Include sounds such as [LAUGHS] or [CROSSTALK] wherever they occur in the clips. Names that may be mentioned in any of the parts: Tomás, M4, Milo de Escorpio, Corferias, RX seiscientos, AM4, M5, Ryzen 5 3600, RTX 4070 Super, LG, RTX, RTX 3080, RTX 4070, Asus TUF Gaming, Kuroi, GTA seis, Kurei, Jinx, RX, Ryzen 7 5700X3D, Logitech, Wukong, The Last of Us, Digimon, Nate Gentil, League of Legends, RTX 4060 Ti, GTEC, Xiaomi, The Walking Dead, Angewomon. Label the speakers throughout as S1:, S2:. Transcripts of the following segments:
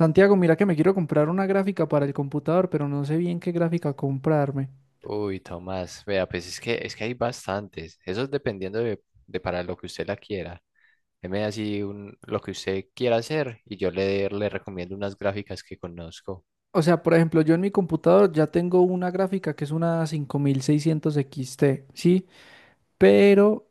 S1: Santiago, mira que me quiero comprar una gráfica para el computador, pero no sé bien qué gráfica comprarme.
S2: Uy, Tomás, vea, pues es que hay bastantes. Eso es dependiendo de para lo que usted la quiera. Deme así lo que usted quiera hacer y yo le recomiendo unas gráficas que conozco.
S1: O sea, por ejemplo, yo en mi computador ya tengo una gráfica que es una 5600 XT, ¿sí? Pero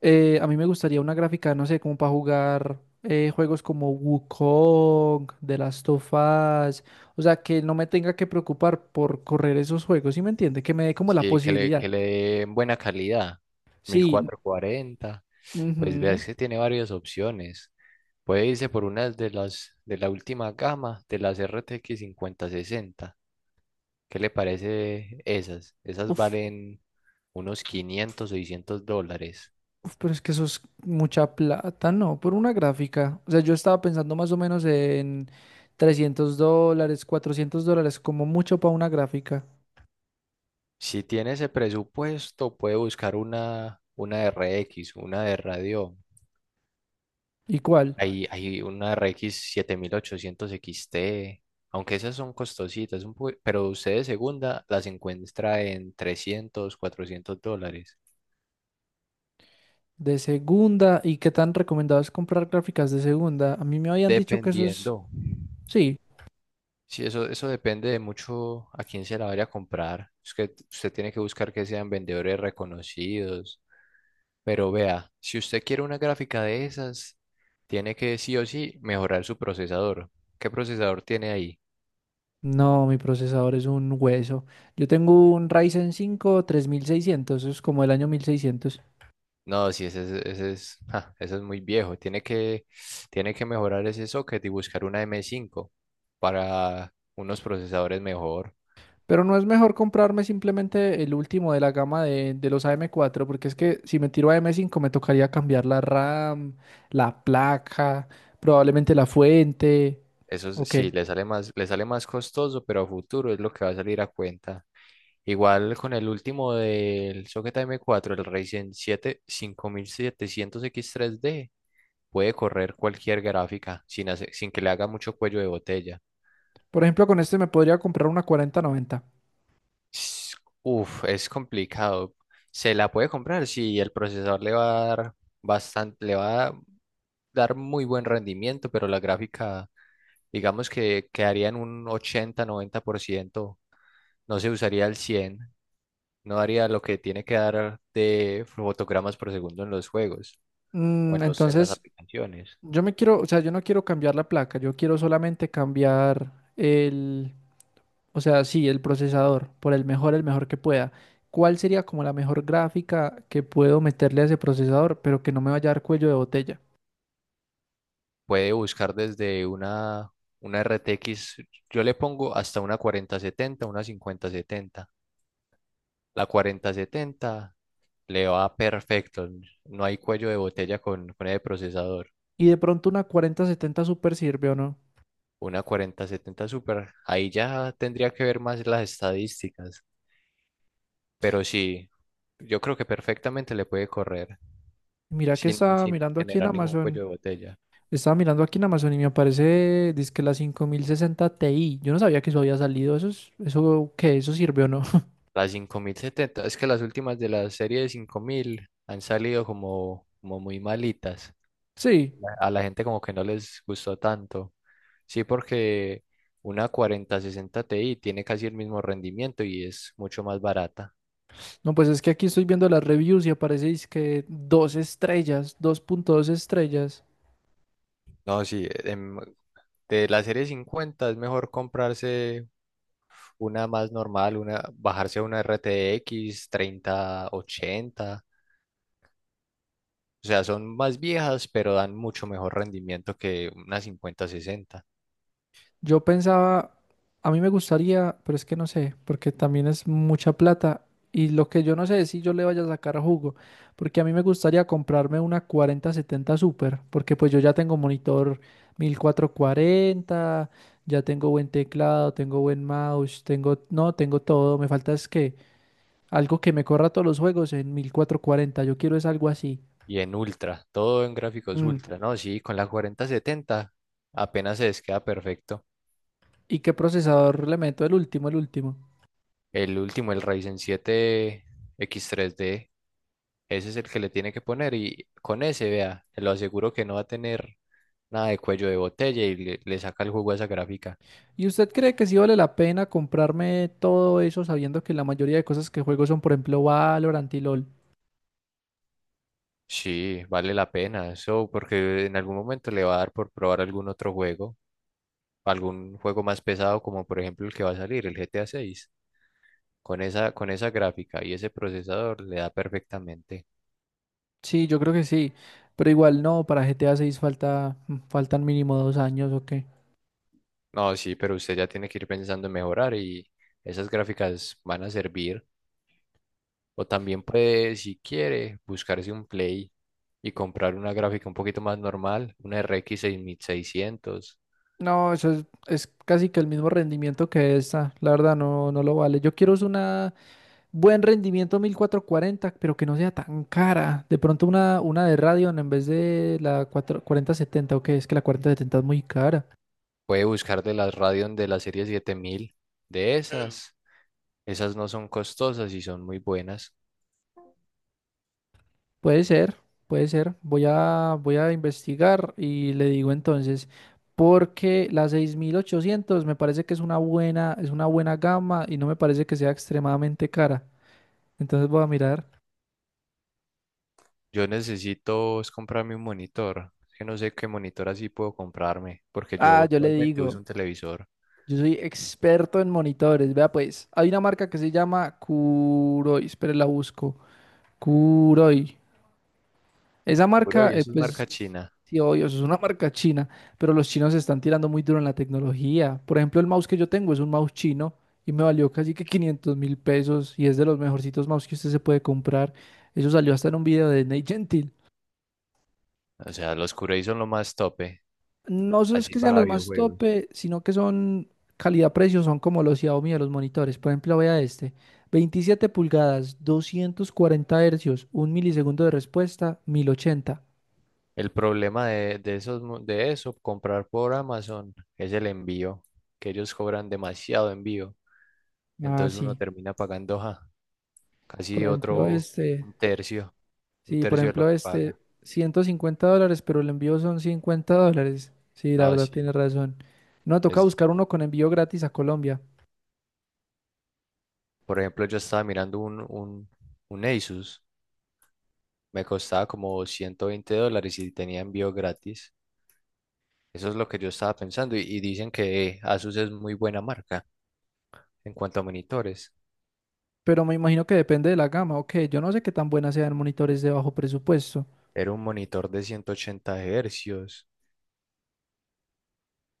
S1: a mí me gustaría una gráfica, no sé, como para jugar juegos como Wukong, The Last of Us, o sea, que no me tenga que preocupar por correr esos juegos, ¿sí me entiende? Que me dé como la
S2: Sí, que le,
S1: posibilidad.
S2: que le den buena calidad. mil
S1: Sí.
S2: cuatrocientos cuarenta Pues vea,
S1: Ujú.
S2: es que tiene varias opciones. Puede irse por unas de las de la última gama, de las RTX 60. ¿Qué le parece esas? Esas
S1: Uf,
S2: valen unos 500 600 dólares.
S1: Uf, pero es que eso es mucha plata, no, por una gráfica. O sea, yo estaba pensando más o menos en $300, $400, como mucho para una gráfica.
S2: Si tiene ese presupuesto, puede buscar una RX, una de radio.
S1: ¿Y cuál?
S2: Hay una RX 7800 XT, aunque esas son costositas, pero usted de segunda las encuentra en 300 400 dólares,
S1: De segunda. ¿Y qué tan recomendado es comprar gráficas de segunda? A mí me habían dicho que eso es...
S2: dependiendo.
S1: Sí.
S2: Sí, eso depende de mucho a quién se la vaya a comprar. Es que usted tiene que buscar que sean vendedores reconocidos. Pero vea, si usted quiere una gráfica de esas, tiene que sí o sí mejorar su procesador. ¿Qué procesador tiene ahí?
S1: No, mi procesador es un hueso. Yo tengo un Ryzen 5 3600, eso es como el año 1600.
S2: No, si ese, es- ese es, ja, ese es muy viejo. Tiene que mejorar ese socket y buscar una M5 para unos procesadores mejor.
S1: Pero no es mejor comprarme simplemente el último de la gama de los AM4, porque es que si me tiro a m 5 me tocaría cambiar la RAM, la placa, probablemente la fuente.
S2: Eso es-
S1: Ok.
S2: sí, le sale más costoso, pero a futuro es lo que va a salir a cuenta. Igual con el último del socket M4, el Ryzen 7 5700X3D. Puede correr cualquier gráfica sin que le haga mucho cuello de botella.
S1: Por ejemplo, con este me podría comprar una 4090.
S2: S- Uf, es complicado. Se la puede comprar si el procesador le va a dar bastante, le va a dar muy buen rendimiento, pero la gráfica, digamos que quedaría en un 80 90%. No se usaría el 100. No daría lo que tiene que dar de fotogramas por segundo en los juegos o en los, en las
S1: Entonces,
S2: aplicaciones.
S1: yo me quiero, o sea, yo no quiero cambiar la placa, yo quiero solamente cambiar el, o sea, sí, el procesador por el mejor que pueda. ¿Cuál sería como la mejor gráfica que puedo meterle a ese procesador, pero que no me vaya a dar cuello de botella?
S2: Puede buscar desde una RTX, yo le pongo hasta una 4070, una 5070. La 4070 le va perfecto, no hay cuello de botella con el procesador.
S1: Y de pronto una 4070 Super sirve o no.
S2: Una 4070 Super, ahí ya tendría que ver más las estadísticas, pero sí, yo creo que perfectamente le puede correr
S1: Mira que
S2: sin,
S1: estaba
S2: sin
S1: mirando aquí en
S2: generar ningún
S1: Amazon.
S2: cuello de botella.
S1: Estaba mirando aquí en Amazon y me aparece, dizque la 5060 Ti. Yo no sabía que eso había salido. ¿Eso es, eso qué? ¿Eso sirve o no? [LAUGHS]
S2: La 5070, es que las últimas de la serie de 5000 han salido como muy malitas.
S1: Sí.
S2: A la gente como que no les gustó tanto. Sí, porque una 4060 Ti tiene casi el mismo rendimiento y es mucho más barata.
S1: No, pues es que aquí estoy viendo las reviews y aparece, dizque dos estrellas, 2.2 estrellas.
S2: No, sí, em, de la serie 50 es mejor comprarse una más normal, bajarse a una RTX 3080. O sea, son más viejas, pero dan mucho mejor rendimiento que una 5060.
S1: Yo pensaba, a mí me gustaría, pero es que no sé, porque también es mucha plata y lo que yo no sé es si yo le vaya a sacar jugo, porque a mí me gustaría comprarme una 4070 Super, porque pues yo ya tengo monitor 1440, ya tengo buen teclado, tengo buen mouse, tengo, no, tengo todo, me falta es que algo que me corra todos los juegos en 1440. Yo quiero es algo así.
S2: Y en ultra, todo en gráficos
S1: Mm.
S2: ultra, ¿no? Sí, con la 4070 apenas se les queda perfecto.
S1: ¿Y qué procesador le meto? El último, el último.
S2: El último, el Ryzen 7 X3D. Ese es el que le tiene que poner y con ese, vea, lo aseguro que no va a tener nada de cuello de botella y le saca el jugo a esa gráfica.
S1: ¿Y usted cree que sí vale la pena comprarme todo eso sabiendo que la mayoría de cosas que juego son, por ejemplo, Valorant y LOL?
S2: Sí, vale la pena eso porque en algún momento le va a dar por probar algún otro juego, algún juego más pesado como por ejemplo el que va a salir, el GTA 6. Con esa, gráfica y ese procesador le da perfectamente.
S1: Sí, yo creo que sí, pero igual no, para GTA 6 falta, faltan mínimo 2 años o qué.
S2: No, sí, pero usted ya tiene que ir pensando en mejorar y esas gráficas van a servir. O también puede, si quiere, buscarse un Play y comprar una gráfica un poquito más normal, una RX 600.
S1: No, eso es casi que el mismo rendimiento que esta, la verdad no, no lo vale. Yo quiero es una buen rendimiento 1440 pero que no sea tan cara. De pronto una de Radeon en vez de la 4070 o qué, es que la 4070 es muy cara.
S2: Puede buscar de las Radeon de la serie 7000. De Claro. Esas. Esas no son costosas y son muy buenas.
S1: Puede ser, puede ser. Voy a investigar y le digo entonces, porque la 6800 me parece que es una buena gama y no me parece que sea extremadamente cara. Entonces voy a mirar.
S2: Yo necesito es comprarme un monitor. Es que no sé qué monitor así puedo comprarme, porque yo
S1: Ah, yo le
S2: actualmente uso
S1: digo,
S2: un televisor.
S1: yo soy experto en monitores. Vea pues, hay una marca que se llama Kuroi, espere la busco. Kuroi. Esa
S2: Puro
S1: marca,
S2: y eso es
S1: pues
S2: marca china.
S1: sí, obvio, eso es una marca china, pero los chinos se están tirando muy duro en la tecnología. Por ejemplo, el mouse que yo tengo es un mouse chino y me valió casi que 500 mil pesos y es de los mejorcitos mouse que usted se puede comprar. Eso salió hasta en un video de Nate Gentil.
S2: O sea, los Kurei son lo más tope,
S1: No so- Es
S2: así
S1: que sean
S2: para
S1: los más
S2: videojuegos.
S1: tope, sino que son calidad-precio, son como los Xiaomi de los monitores. Por ejemplo, vea este, 27 pulgadas, 240 hercios, un milisegundo de respuesta, 1080.
S2: El problema de esos, de eso, comprar por Amazon, es el envío, que ellos cobran demasiado envío.
S1: Ah,
S2: Entonces uno
S1: sí.
S2: termina pagando, ja,
S1: Por
S2: casi
S1: ejemplo,
S2: otro,
S1: este.
S2: un tercio, un
S1: Sí, por
S2: tercio de lo
S1: ejemplo,
S2: que
S1: este,
S2: paga.
S1: $150, pero el envío son $50. Sí, la
S2: No,
S1: verdad
S2: sí.
S1: tienes razón. No, toca
S2: Es,
S1: buscar uno con envío gratis a Colombia.
S2: por ejemplo, yo estaba mirando un, un Asus, me costaba como 120 dólares y tenía envío gratis. Eso es lo que yo estaba pensando. Y dicen que Asus es muy buena marca en cuanto a monitores.
S1: Pero me imagino que depende de la gama. Ok, yo no sé qué tan buenas sean monitores de bajo presupuesto.
S2: Era un monitor de 180 Hz.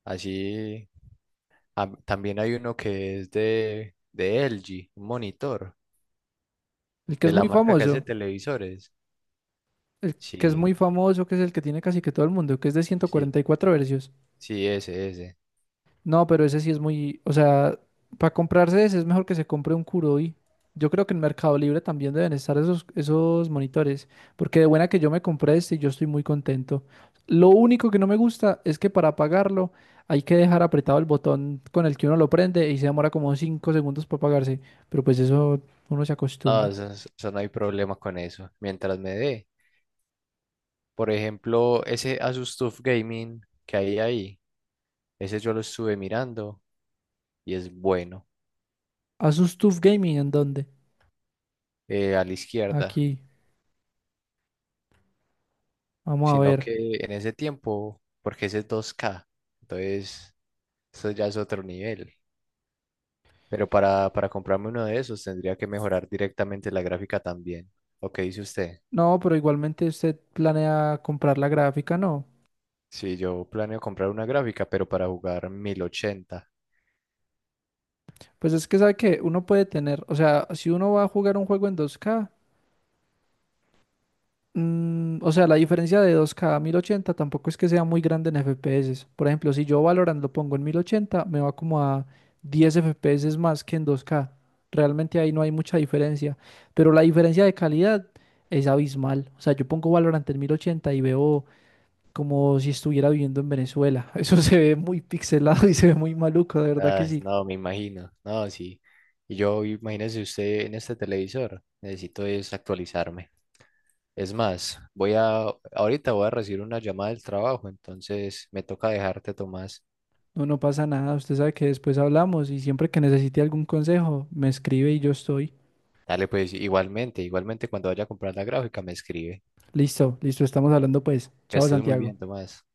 S2: Así. Ah, también hay uno que es de LG, un monitor,
S1: El que
S2: de
S1: es
S2: la
S1: muy
S2: marca que hace
S1: famoso,
S2: televisores.
S1: el que es
S2: Sí,
S1: muy famoso, que es el que tiene casi que todo el mundo, que es de ciento
S2: sí,
S1: cuarenta y cuatro Hz.
S2: sí, ese, ese.
S1: No, pero ese sí es muy, o sea, para comprarse ese es mejor que se compre un Kuroi. Yo creo que en Mercado Libre también deben estar esos monitores, porque de buena que yo me compré este y yo estoy muy contento. Lo único que no me gusta es que para apagarlo hay que dejar apretado el botón con el que uno lo prende y se demora como 5 segundos para apagarse, pero pues eso uno se
S2: Ah,
S1: acostumbra.
S2: eso no hay problema con eso. Mientras me dé, por ejemplo, ese Asus TUF Gaming que hay ahí, ese yo lo estuve mirando y es bueno,
S1: ¿Asus TUF Gaming en dónde?
S2: a la izquierda.
S1: Aquí, vamos a
S2: Sino
S1: ver.
S2: que en ese tiempo, porque ese es 2K, entonces eso ya es otro nivel. Pero para comprarme uno de esos tendría que mejorar directamente la gráfica también. ¿O qué dice usted?
S1: No, pero igualmente usted planea comprar la gráfica, ¿no?
S2: Sí, yo planeo comprar una gráfica, pero para jugar 1080.
S1: Pues es que sabe que uno puede tener, o sea, si uno va a jugar un juego en 2K, o sea, la diferencia de 2K a 1080 tampoco es que sea muy grande en FPS. Por ejemplo, si yo Valorant lo pongo en 1080, me va como a 10 FPS más que en 2K. Realmente ahí no hay mucha diferencia, pero la diferencia de calidad es abismal. O sea, yo pongo Valorant en 1080 y veo como si estuviera viviendo en Venezuela. [LAUGHS] Eso se ve muy pixelado y se ve muy maluco, de verdad que
S2: Ah,
S1: sí.
S2: no, me imagino. No, sí. Y yo, imagínese usted en este televisor. Necesito es actualizarme. Es más, ahorita voy a recibir una llamada del trabajo, entonces me toca dejarte, Tomás.
S1: No, no pasa nada. Usted sabe que después hablamos y siempre que necesite algún consejo, me escribe y yo estoy.
S2: Dale, pues igualmente, igualmente cuando vaya a comprar la gráfica me escribe.
S1: Listo, listo, estamos hablando pues.
S2: Que
S1: Chao,
S2: estés muy
S1: Santiago.
S2: bien, Tomás.